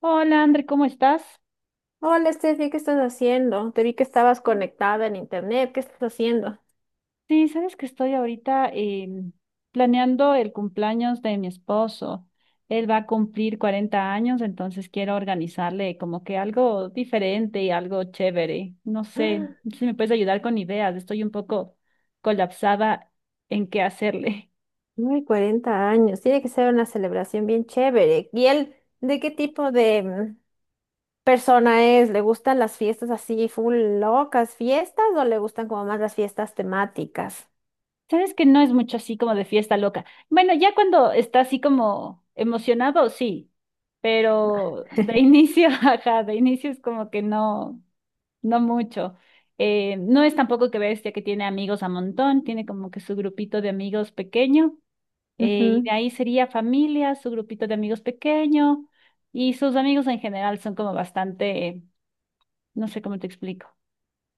Hola, André, ¿cómo estás? Hola, Steffi, ¿qué estás haciendo? Te vi que estabas conectada en internet. ¿Qué estás haciendo? Sí, sabes que estoy ahorita planeando el cumpleaños de mi esposo. Él va a cumplir 40 años, entonces quiero organizarle como que algo diferente y algo chévere. No sé si me puedes ayudar con ideas. Estoy un poco colapsada en qué hacerle. Muy 40 años. Tiene que ser una celebración bien chévere. ¿Y él de qué tipo de persona es? ¿Le gustan las fiestas así, full locas fiestas o le gustan como más las fiestas temáticas? Sabes que no es mucho así como de fiesta loca. Bueno, ya cuando está así como emocionado, sí, pero de inicio, ajá, de inicio es como que no. No mucho. No es tampoco que bestia que tiene amigos a montón, tiene como que su grupito de amigos pequeño, y de Ujú. ahí sería familia, su grupito de amigos pequeño, y sus amigos en general son como bastante, no sé cómo te explico.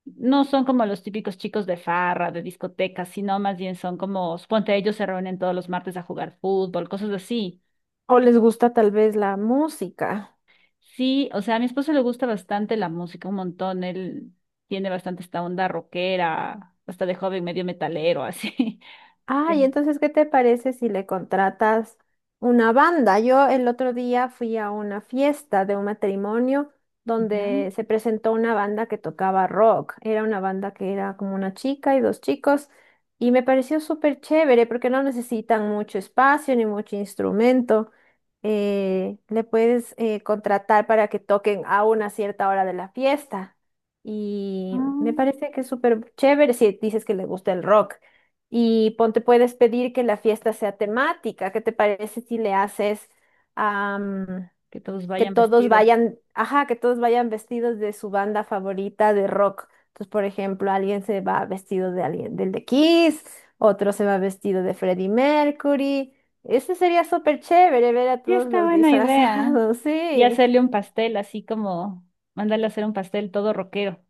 No son como los típicos chicos de farra, de discotecas, sino más bien son como, suponte ellos se reúnen todos los martes a jugar fútbol, cosas así. ¿O les gusta tal vez la música? Sí, o sea, a mi esposo le gusta bastante la música, un montón. Él tiene bastante esta onda rockera, hasta de joven medio metalero, así. Ah, y Sí. entonces, ¿qué te parece si le contratas una banda? Yo el otro día fui a una fiesta de un matrimonio Ya, donde se presentó una banda que tocaba rock. Era una banda que era como una chica y dos chicos y me pareció súper chévere porque no necesitan mucho espacio ni mucho instrumento. Le puedes contratar para que toquen a una cierta hora de la fiesta y ah, me parece que es súper chévere si dices que le gusta el rock. Y ponte, puedes pedir que la fiesta sea temática. ¿Qué te parece si le haces am, que todos vayan vestidos. Ajá, que todos vayan vestidos de su banda favorita de rock? Entonces, por ejemplo, alguien se va vestido de alguien del de Kiss, otro se va vestido de Freddie Mercury. Ese sería súper chévere ver a Sí, todos está los buena idea. disfrazados, Y sí. hacerle un pastel, así como mandarle a hacer un pastel todo rockero.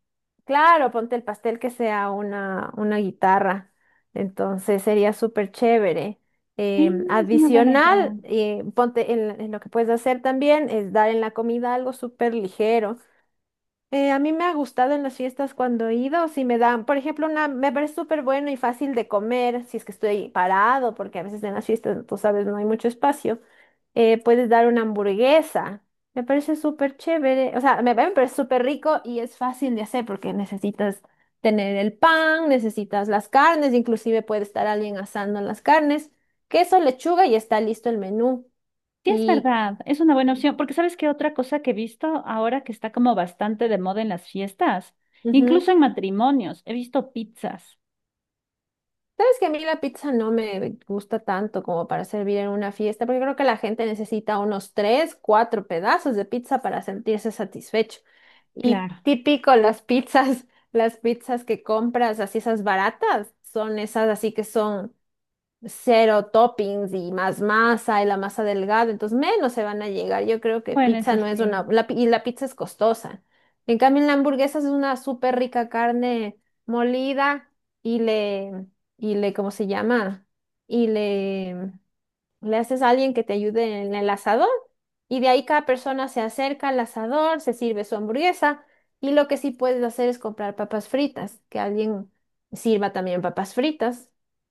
Claro, ponte el pastel que sea una guitarra. Entonces sería súper chévere. Sí, es una buena idea. Adicional, ponte en lo que puedes hacer también es dar en la comida algo súper ligero. A mí me ha gustado en las fiestas cuando he ido, si me dan, por ejemplo, una, me parece súper bueno y fácil de comer, si es que estoy parado, porque a veces en las fiestas, tú sabes, no hay mucho espacio puedes dar una hamburguesa. Me parece súper chévere. O sea, me parece súper rico y es fácil de hacer porque necesitas tener el pan, necesitas las carnes, inclusive puede estar alguien asando las carnes, queso, lechuga y está listo el menú. Sí, es Y verdad, es una buena opción, porque ¿sabes qué otra cosa que he visto ahora que está como bastante de moda en las fiestas? ujú. Incluso en matrimonios, he visto pizzas. Sabes que a mí la pizza no me gusta tanto como para servir en una fiesta, porque creo que la gente necesita unos tres, cuatro pedazos de pizza para sentirse satisfecho. Y Claro. típico las pizzas, las pizzas que compras, así esas baratas, son esas así que son cero toppings y más masa y la masa delgada, entonces menos se van a llegar. Yo creo que Bueno, pizza eso no es sí. una, la pi- y la pizza es costosa. En cambio, en la hamburguesa es una súper rica carne molida y le, y le, ¿cómo se llama? Y le haces a alguien que te ayude en el asador y de ahí cada persona se acerca al asador, se sirve su hamburguesa y lo que sí puedes hacer es comprar papas fritas, que alguien sirva también papas fritas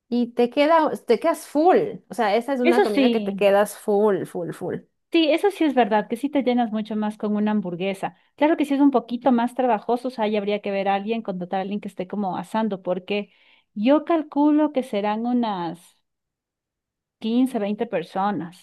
y te queda, te quedas full, o sea, esa es una Eso comida que te sí. quedas full, full, full. Sí, eso sí es verdad, que sí te llenas mucho más con una hamburguesa. Claro que si es un poquito más trabajoso, o sea, ahí habría que ver a alguien, contratar a alguien que esté como asando, porque yo calculo que serán unas 15 20 personas,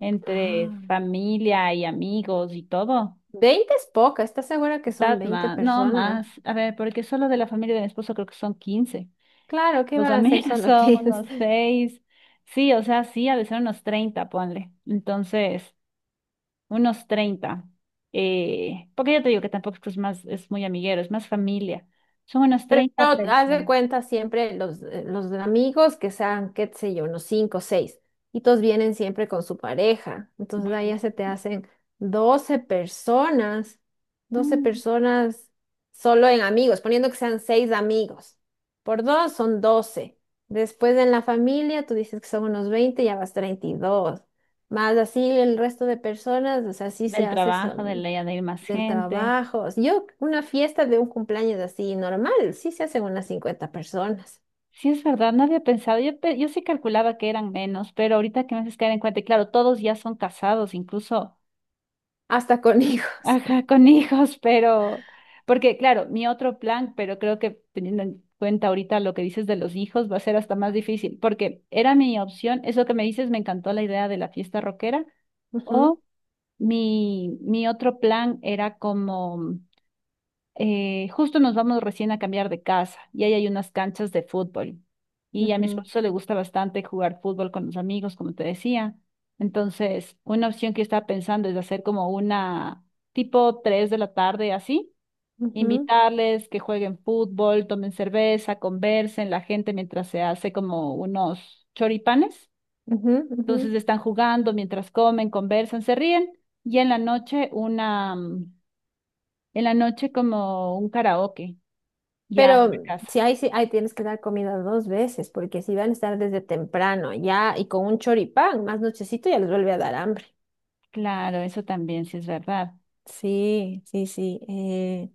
entre Ah, familia y amigos y todo. 20 es poca, ¿estás segura que son Está 20 más, no personas? más. A ver, porque solo de la familia de mi esposo creo que son 15. Claro, ¿qué Los van a hacer amigos solo son unos 15? seis. Sí, o sea, sí, a veces unos 30 ponle. Entonces unos 30, porque ya te digo que tampoco es que es más, es muy amiguero, es más familia. Son unos Pero 30 haz de personas. cuenta siempre los amigos que sean, qué sé yo, unos cinco o seis, y todos vienen siempre con su pareja. Entonces ahí Bueno, ya se te hacen 12 personas, doce mm, personas solo en amigos, poniendo que sean seis amigos. Por dos son 12. Después en la familia, tú dices que son unos 20, ya vas 32. Más así el resto de personas, o sea, así se del hace. trabajo, de la Son idea de ir más del gente. trabajo. Yo, una fiesta de un cumpleaños así normal, sí se hacen unas 50 personas, Sí, es verdad, no había pensado. Yo, yo sí calculaba que eran menos, pero ahorita que me haces caer en cuenta, y claro, todos ya son casados, incluso hasta con hijos. ajá, con hijos, pero, porque claro, mi otro plan, pero creo que teniendo en cuenta ahorita lo que dices de los hijos, va a ser hasta más difícil, porque era mi opción, eso que me dices, me encantó la idea de la fiesta rockera, Ujú, o mi otro plan era como justo nos vamos recién a cambiar de casa y ahí hay unas canchas de fútbol. Y a mi ujú, esposo le gusta bastante jugar fútbol con los amigos, como te decía. Entonces, una opción que yo estaba pensando es hacer como una tipo 3 de la tarde así, ujú, invitarles que jueguen fútbol, tomen cerveza, conversen la gente mientras se hace como unos choripanes. ujú, ujú. Entonces están jugando mientras comen, conversan, se ríen y en la noche una, en la noche como un karaoke. Ya en la Pero casa. si hay, tienes que dar comida dos veces, porque si van a estar desde temprano ya y con un choripán, más nochecito ya les vuelve a dar hambre. Claro, eso también sí es verdad. Sí, sí, sí.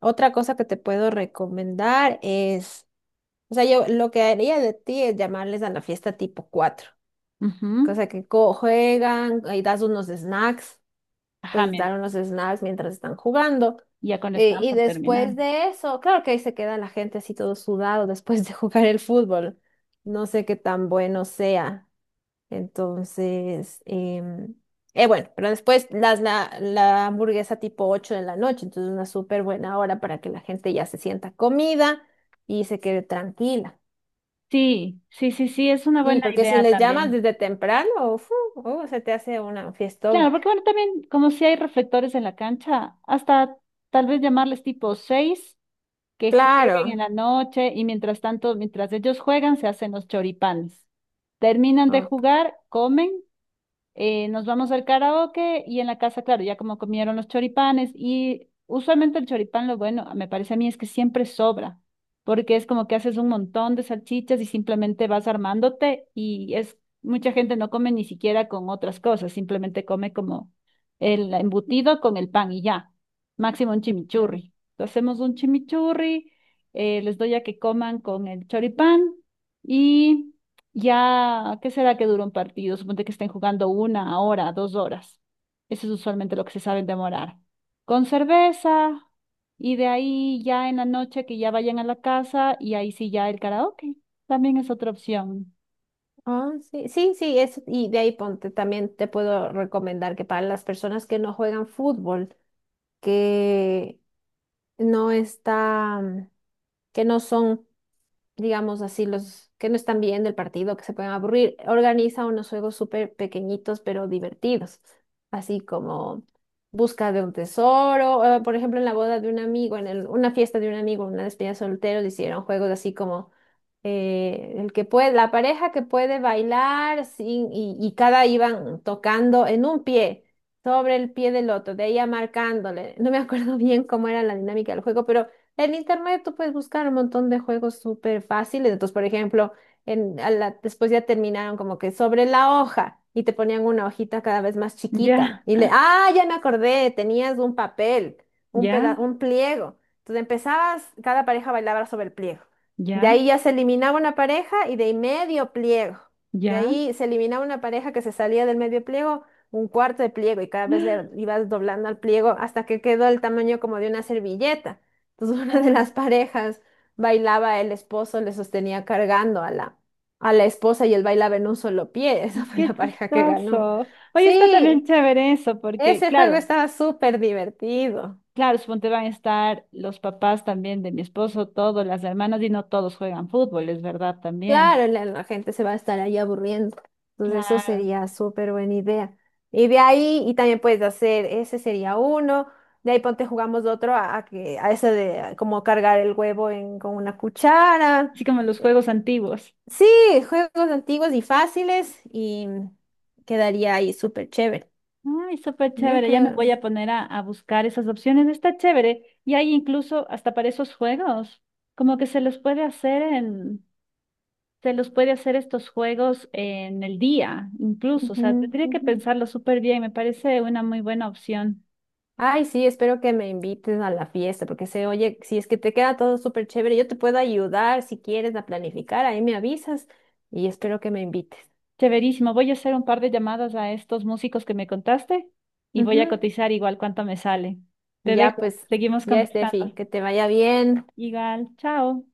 Otra cosa que te puedo recomendar es, o sea, yo lo que haría de ti es llamarles a la fiesta tipo 4. O Ujú. sea, que co- juegan, y das unos snacks, Ajá, pues men, dar unos snacks mientras están jugando. ya cuando están Y por terminar. después de eso, claro que ahí se queda la gente así todo sudado después de jugar el fútbol. No sé qué tan bueno sea. Entonces, bueno, pero después la hamburguesa tipo 8 de la noche, entonces una súper buena hora para que la gente ya se sienta comida y se quede tranquila. Sí, sí, sí, sí, es una Sí, buena porque si idea les llamas también. desde temprano, fu, se te hace una fiesta. Claro, porque bueno, también como si hay reflectores en la cancha, hasta tal vez llamarles tipo 6, que jueguen en Claro. la noche y mientras tanto, mientras ellos juegan, se hacen los choripanes. Terminan de Ok. jugar, comen, nos vamos al karaoke y en la casa, claro, ya como comieron los choripanes y usualmente el choripán, lo bueno, me parece a mí es que siempre sobra, porque es como que haces un montón de salchichas y simplemente vas armándote y es, mucha gente no come ni siquiera con otras cosas, simplemente come como el embutido con el pan y ya, máximo un chimichurri. Entonces hacemos un chimichurri, les doy a que coman con el choripán y... Ya, ¿qué será que dura un partido? Suponte que estén jugando 1 hora, 2 horas. Eso es usualmente lo que se saben demorar. Con cerveza y de ahí ya en la noche que ya vayan a la casa y ahí sí ya el karaoke. También es otra opción. Ah, sí, sí, sí, es, y de ahí ponte, también te puedo recomendar que para las personas que no juegan fútbol, que no están, que no son digamos así, los que no están bien del partido, que se pueden aburrir. Organiza unos juegos súper pequeñitos pero divertidos, así como busca de un tesoro. Por ejemplo, en la boda de un amigo, una fiesta de un amigo, una despedida de solteros, hicieron juegos así como el que puede, la pareja que puede bailar sin, y cada iban tocando en un pie. Sobre el pie del otro, de ahí marcándole. No me acuerdo bien cómo era la dinámica del juego, pero en internet tú puedes buscar un montón de juegos súper fáciles. Entonces, por ejemplo, después ya terminaron como que sobre la hoja y te ponían una hojita cada vez más Ya, chiquita. Ah, ya me acordé, tenías un papel, ya, un pliego. Entonces empezabas, cada pareja bailaba sobre el pliego. De ya, ahí ya se eliminaba una pareja y de ahí medio pliego. De ya. ahí se eliminaba una pareja que se salía del medio pliego, un cuarto de pliego y cada vez le ibas doblando al pliego hasta que quedó el tamaño como de una servilleta. Entonces una de las Ah, parejas bailaba, el esposo le sostenía cargando a la esposa y él bailaba en un solo pie. Esa fue qué la pareja que ganó. chistoso. Oye, está también Sí, chévere eso, porque ese juego claro, estaba súper divertido. claro, suponte van a estar los papás también de mi esposo, todos, las hermanas y no todos juegan fútbol, es verdad también. Claro, la gente se va a estar ahí aburriendo. Entonces eso Claro, sería súper buena idea. Y de ahí, y también puedes hacer, ese sería uno. De ahí ponte jugamos otro a que, a ese de como cargar el huevo en, con una cuchara. así como los juegos antiguos. Sí, juegos antiguos y fáciles y quedaría ahí súper chévere. Ay, súper Yo chévere, ya me voy creo. a poner a buscar esas opciones, está chévere. Y hay incluso hasta para esos juegos, como que se los puede hacer en, se los puede hacer estos juegos en el día, incluso, o Ujú, sea, tendría que ujú. pensarlo súper bien, me parece una muy buena opción. Ay, sí, espero que me invites a la fiesta porque se oye, si es que te queda todo súper chévere, yo te puedo ayudar si quieres a planificar, ahí me avisas y espero que me invites. Chéverísimo, voy a hacer un par de llamadas a estos músicos que me contaste y voy a Ujú. cotizar igual cuánto me sale. Te Ya dejo, pues, seguimos ya Steffi, conversando. que te vaya bien. Igual, chao.